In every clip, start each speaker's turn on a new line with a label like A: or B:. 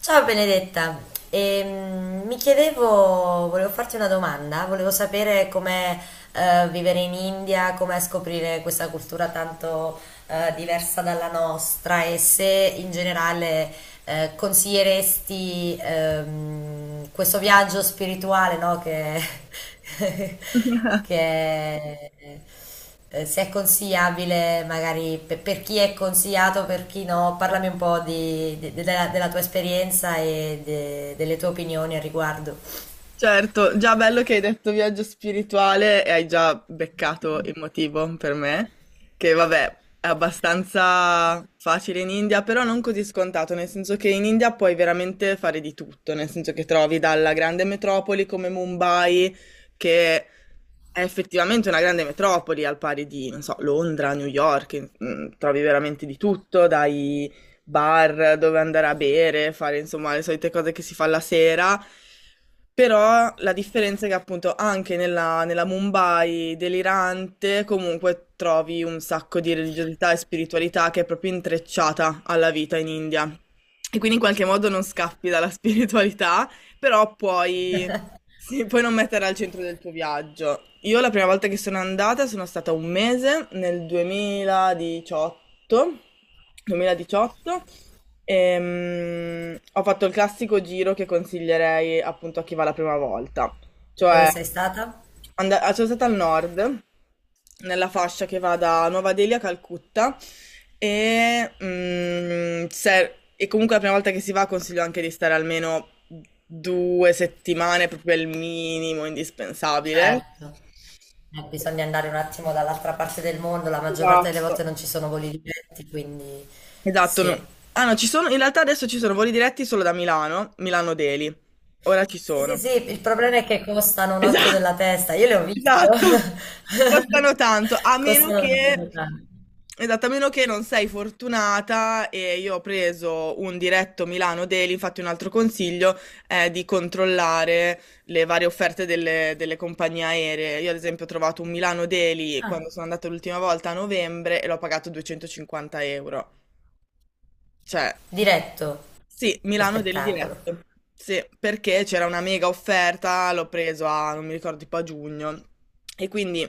A: Ciao Benedetta, mi chiedevo, volevo farti una domanda, volevo sapere com'è vivere in India, com'è scoprire questa cultura tanto diversa dalla nostra e se in generale consiglieresti questo viaggio spirituale, no, che, che se è consigliabile magari per, chi è consigliato, per chi no, parlami un po' della tua esperienza e delle tue opinioni al riguardo.
B: Certo, già bello che hai detto viaggio spirituale e hai già beccato il motivo per me, che vabbè è abbastanza facile in India, però non così scontato, nel senso che in India puoi veramente fare di tutto, nel senso che trovi dalla grande metropoli come Mumbai, che è effettivamente una grande metropoli al pari di, non so, Londra, New York, trovi veramente di tutto, dai bar dove andare a bere, fare insomma le solite cose che si fa la sera. Però la differenza è che appunto anche nella Mumbai delirante comunque trovi un sacco di religiosità e spiritualità che è proprio intrecciata alla vita in India. E quindi in qualche modo non scappi dalla spiritualità, però puoi, sì, puoi non metterla al centro del tuo viaggio. Io la prima volta che sono andata sono stata un mese nel 2018. Ho fatto il classico giro che consiglierei appunto a chi va la prima volta,
A: Dove
B: cioè
A: sei stata?
B: sono stata al nord, nella fascia che va da Nuova Delhi a Calcutta, e comunque la prima volta che si va consiglio anche di stare almeno 2 settimane, proprio il minimo indispensabile.
A: Certo. Bisogna andare un attimo dall'altra parte del mondo, la maggior parte delle volte
B: Esatto.
A: non ci sono voli diretti, quindi
B: Esatto, no.
A: sì.
B: Ah no, ci sono, in realtà adesso ci sono voli diretti solo da Milano, Milano Deli. Ora ci
A: Sì, sì,
B: sono.
A: sì, il problema è che costano un occhio
B: Esatto,
A: della testa, io le ho viste,
B: esatto. Costano tanto, a meno
A: costano
B: che
A: davvero tanto.
B: esatto, a meno che non sei fortunata e io ho preso un diretto Milano Daily, infatti un altro consiglio è di controllare le varie offerte delle compagnie aeree. Io ad esempio ho trovato un Milano Daily
A: Ah,
B: quando sono andata l'ultima volta a novembre e l'ho pagato 250 euro. Cioè,
A: diretto,
B: sì,
A: che
B: Milano Daily
A: spettacolo.
B: Diretto. Sì, perché c'era una mega offerta, l'ho preso a, non mi ricordo, tipo a giugno. E quindi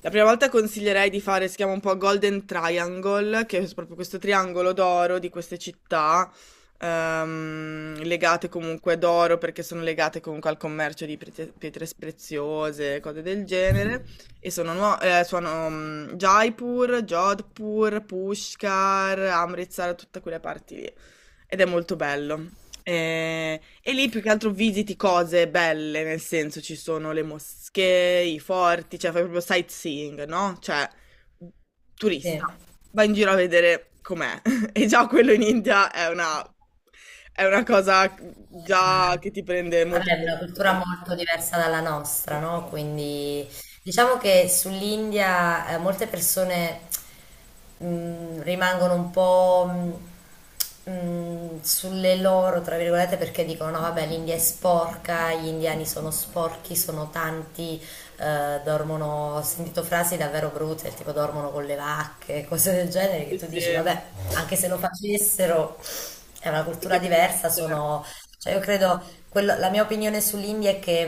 B: la prima volta consiglierei di fare, si chiama un po' Golden Triangle, che è proprio questo triangolo d'oro di queste città, legate comunque d'oro perché sono legate comunque al commercio di pietre preziose, cose del genere. E sono Jaipur, Jodhpur, Pushkar, Amritsar, tutte quelle parti lì. Ed è molto bello. E lì più che altro visiti cose belle, nel senso ci sono le moschee, i forti, cioè fai proprio sightseeing, no? Cioè, turista,
A: Sì.
B: vai in giro a vedere com'è. E già quello in India è una cosa già
A: Eh,
B: che ti prende
A: vabbè,
B: molto
A: è
B: tempo.
A: una cultura molto diversa dalla nostra, no?
B: Mm-mm.
A: Quindi diciamo che sull'India molte persone rimangono un po' sulle loro, tra virgolette, perché dicono no, vabbè, l'India è sporca, gli indiani sono sporchi, sono tanti, dormono, ho sentito frasi davvero brutte, tipo dormono con le vacche, cose del genere, che
B: Sì,
A: tu dici,
B: sì,
A: vabbè, anche se lo facessero... È una
B: perché
A: cultura diversa,
B: cioè,
A: sono cioè, io credo, quello- la mia opinione sull'India è che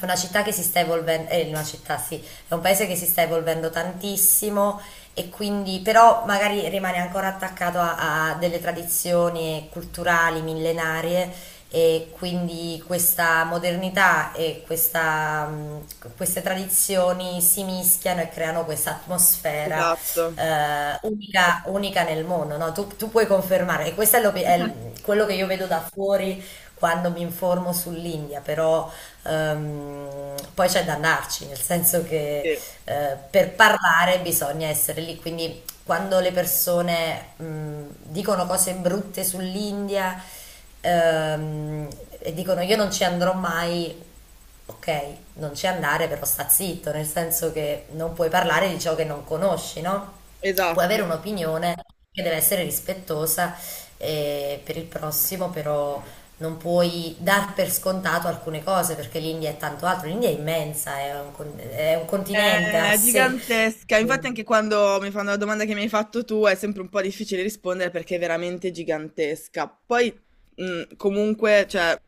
A: è una città che si sta evolvendo, è una città, sì, è un paese che si sta evolvendo tantissimo e quindi, però magari rimane ancora attaccato a, a delle tradizioni culturali millenarie e quindi questa modernità e questa, queste tradizioni si mischiano e creano questa atmosfera
B: esatto,
A: unica, unica nel mondo, no? Tu, tu puoi confermare, e questo è, quello che io vedo da fuori quando mi informo sull'India, però poi c'è da andarci, nel senso che
B: sì,
A: per parlare bisogna essere lì, quindi quando le persone dicono cose brutte sull'India ehm, e dicono io non ci andrò mai. Ok, non ci andare, però sta zitto, nel senso che non puoi parlare di ciò che non conosci, no? Puoi
B: esatto.
A: avere un'opinione che deve essere rispettosa per il prossimo, però non puoi dar per scontato alcune cose, perché l'India è tanto altro. L'India è immensa, è un, con- è un continente a
B: È
A: sé.
B: gigantesca, infatti anche quando mi fanno la domanda che mi hai fatto tu è sempre un po' difficile rispondere perché è veramente gigantesca. Poi comunque, cioè,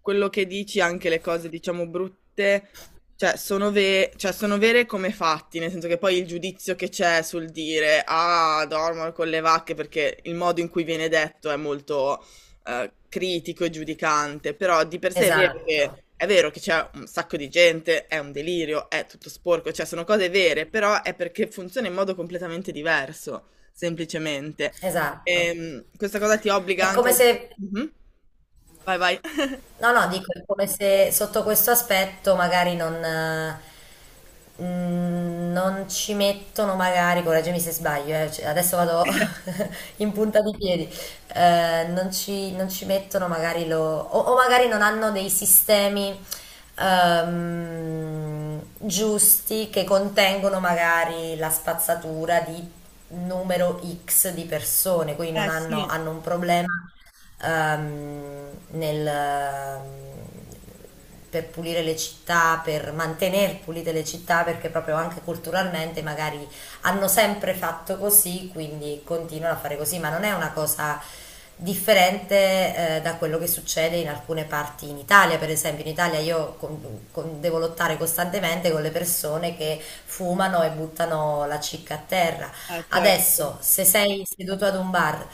B: quello che dici, anche le cose diciamo brutte, cioè cioè, sono vere come fatti, nel senso che poi il giudizio che c'è sul dire ah, dormo con le vacche perché il modo in cui viene detto è molto critico e giudicante, però di per sé
A: Esatto,
B: è vero che c'è un sacco di gente, è un delirio, è tutto sporco, cioè sono cose vere, però è perché funziona in modo completamente diverso, semplicemente.
A: esatto.
B: Questa cosa ti obbliga
A: È
B: anche
A: come
B: a...
A: se...
B: Mhm. Vai, vai.
A: No, no, dico, è come se sotto questo aspetto magari non, non ci mettono magari, correggimi se sbaglio, cioè, adesso vado in punta di piedi, non ci mettono magari lo, o magari non hanno dei sistemi giusti che contengono magari la spazzatura di numero X di persone, quindi non
B: Eh
A: hanno
B: sì,
A: un problema ehm, nel, ehm, per pulire le città, per mantenere pulite le città, perché proprio anche culturalmente magari hanno sempre fatto così, quindi continuano a fare così, ma non è una cosa differente da quello che succede in alcune parti in Italia, per esempio in Italia io devo lottare costantemente con le persone che fumano e buttano la cicca a terra. Adesso,
B: certo.
A: se sei seduto ad un bar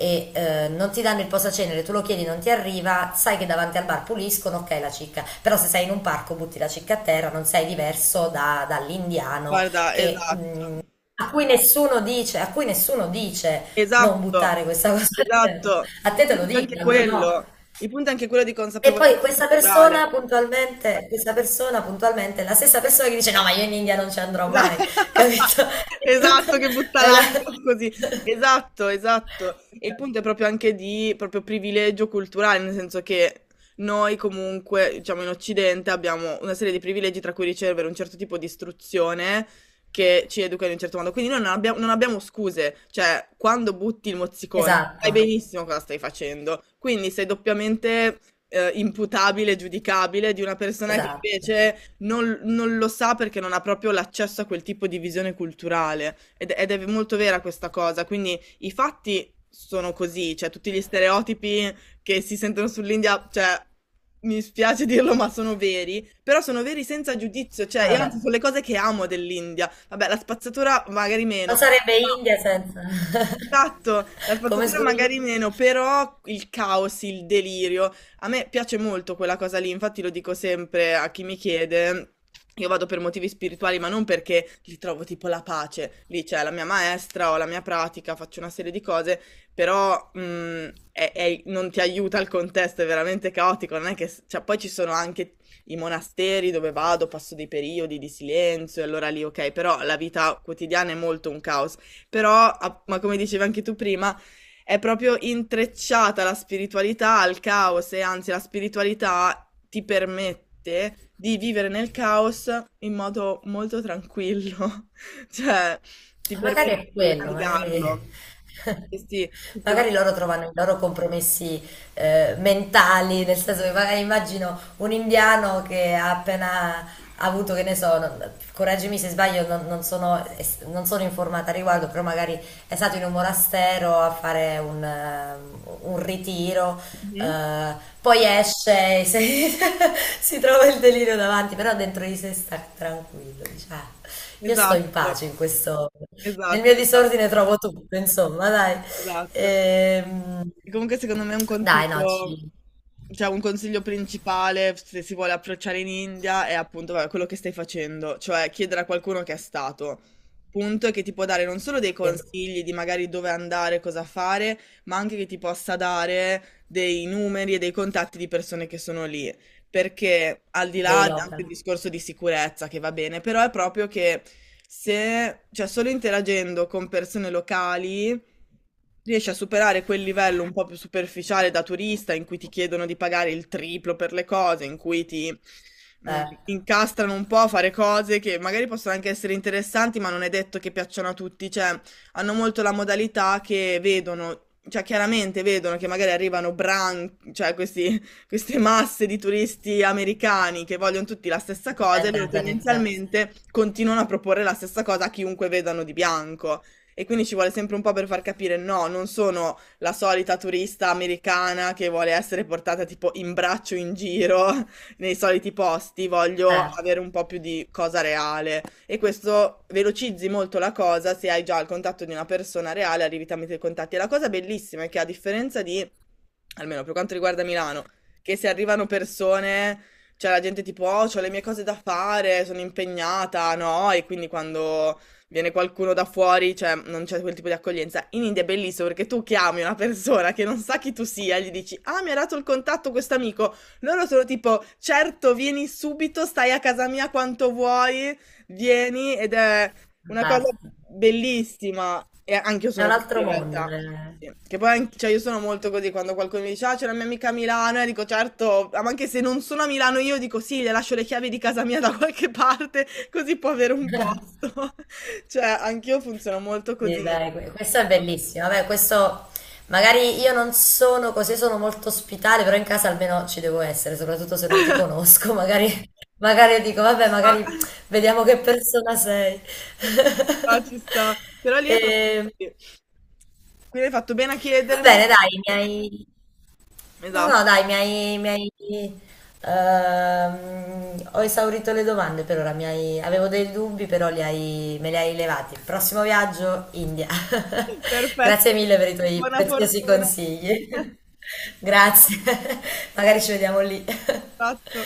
A: e non ti danno il posacenere, tu lo chiedi, non ti arriva, sai che davanti al bar puliscono, ok la cicca, però se sei in un parco butti la cicca a terra, non sei diverso dall'indiano
B: Guarda,
A: che,
B: esatto.
A: a cui nessuno dice, a cui nessuno dice non
B: Esatto,
A: buttare questa cosa a terra.
B: esatto.
A: A
B: Il
A: te te lo
B: punto è
A: dico,
B: anche
A: a lui no.
B: quello. Il punto è anche quello di
A: E poi
B: consapevolezza culturale.
A: questa persona puntualmente è la stessa persona che dice no, ma io in India non ci andrò
B: Esa
A: mai, capito? È tutto-
B: Esatto, che butta
A: è una-
B: l'iPhone così. Esatto, esatto. E il punto è proprio anche di proprio privilegio culturale, nel senso che noi comunque, diciamo in Occidente, abbiamo una serie di privilegi tra cui ricevere un certo tipo di istruzione che ci educa in un certo modo. Quindi noi non abbiamo scuse, cioè quando butti il mozzicone sai
A: Esatto.
B: benissimo cosa stai facendo. Quindi sei doppiamente imputabile, giudicabile di una persona che
A: Esatto.
B: invece non lo sa perché non ha proprio l'accesso a quel tipo di visione culturale ed è v molto vera questa cosa. Quindi i fatti sono così, cioè tutti gli stereotipi che si sentono sull'India, cioè mi spiace dirlo ma sono veri, però sono veri senza giudizio, cioè
A: E
B: io
A: vabbè,
B: anzi son le cose che amo dell'India. Vabbè, la spazzatura magari meno,
A: non sarebbe
B: però.
A: India senza...
B: Esatto, la
A: Come
B: spazzatura
A: scusi?
B: magari meno, però il caos, il delirio. A me piace molto quella cosa lì, infatti lo dico sempre a chi mi chiede. Io vado per motivi spirituali, ma non perché li trovo tipo la pace. Lì c'è la mia maestra, ho la mia pratica, faccio una serie di cose, però non ti aiuta il contesto, è veramente caotico. Non è che, cioè, poi ci sono anche i monasteri dove vado, passo dei periodi di silenzio, e allora lì ok, però la vita quotidiana è molto un caos. Però, ma come dicevi anche tu prima, è proprio intrecciata la spiritualità al caos e anzi la spiritualità ti permette di vivere nel caos in modo molto tranquillo, cioè ti
A: Magari
B: permette
A: è
B: di
A: quello, magari,
B: navigarlo. Sì, sì,
A: magari loro trovano i loro compromessi mentali, nel senso che magari immagino un indiano che ha appena avuto, che ne so, non- correggimi se sbaglio, non, non sono, es- non sono informata al riguardo, però magari è stato in un monastero a fare un ritiro,
B: Mhm.
A: eh, poi esce e si, si trova il delirio davanti, però dentro di sé sta tranquillo, dice, "Ah, io sto in
B: Esatto,
A: pace in questo. Nel
B: esatto,
A: mio
B: esatto,
A: disordine trovo tutto, insomma, dai.
B: esatto.
A: Ehm,
B: E comunque secondo me un
A: dai, no,
B: consiglio,
A: ci,
B: cioè un consiglio principale se si vuole approcciare in India è appunto vabbè, quello che stai facendo, cioè chiedere a qualcuno che è stato, punto, e che ti può dare non solo dei
A: sì,
B: consigli di magari dove andare, cosa fare, ma anche che ti possa dare dei numeri e dei contatti di persone che sono lì. Perché al di là
A: dei
B: anche il
A: local,
B: discorso di sicurezza che va bene, però è proprio che se, cioè solo interagendo con persone locali riesci a superare quel livello un po' più superficiale da turista in cui ti chiedono di pagare il triplo per le cose, in cui ti
A: certo.
B: incastrano un po' a fare cose che magari possono anche essere interessanti, ma non è detto che piacciono a tutti. Cioè, hanno molto la modalità che vedono, cioè chiaramente vedono che magari arrivano cioè queste masse di turisti americani che vogliono tutti la stessa cosa e
A: Ovviamente
B: loro
A: alzano i prezzi,
B: tendenzialmente continuano a proporre la stessa cosa a chiunque vedano di bianco e quindi ci vuole sempre un po' per far capire no, non sono la solita turista americana che vuole essere portata tipo in braccio in giro nei soliti posti, voglio
A: certo,
B: avere un po' più di cosa reale e questo velocizzi molto la cosa se hai già il contatto di una persona reale, arrivi tramite i contatti. E la cosa bellissima è che a differenza di, almeno per quanto riguarda Milano, che se arrivano persone, cioè la gente tipo, oh, ho le mie cose da fare, sono impegnata, no? E quindi quando viene qualcuno da fuori, cioè non c'è quel tipo di accoglienza. In India è bellissimo perché tu chiami una persona che non sa chi tu sia, e gli dici "Ah, mi ha dato il contatto questo amico". Loro sono tipo "Certo, vieni subito, stai a casa mia quanto vuoi, vieni" ed è una cosa
A: fantastico.
B: bellissima. E anch'io
A: È
B: sono
A: un
B: così
A: altro
B: in
A: mondo.
B: realtà.
A: Eh.
B: Sì. Che poi cioè, io sono molto così quando qualcuno mi dice ah, c'è la mia amica a Milano e dico certo, ah, ma anche se non sono a Milano io dico sì, le lascio le chiavi di casa mia da qualche parte così può avere un posto. Cioè, anch'io funziono molto
A: Sì,
B: così.
A: dai, questo è bellissimo. Vabbè, questo magari io non sono così, sono molto ospitale, però in casa almeno ci devo essere, soprattutto se non ti conosco. Magari, magari io dico, vabbè,
B: Ah,
A: magari vediamo che persona sei.
B: ah, ci sta. Però lì è proprio
A: E,
B: così. Quindi hai fatto bene a
A: va
B: chiedermi.
A: bene, dai, mi hai. No,
B: Esatto.
A: no, dai, mi hai, ho esaurito le domande per ora, avevo dei dubbi, però me li hai levati. Prossimo viaggio, India. Grazie
B: Perfetto.
A: mille per i tuoi
B: Buona
A: preziosi
B: fortuna.
A: consigli. Grazie, magari ci vediamo lì.
B: Esatto.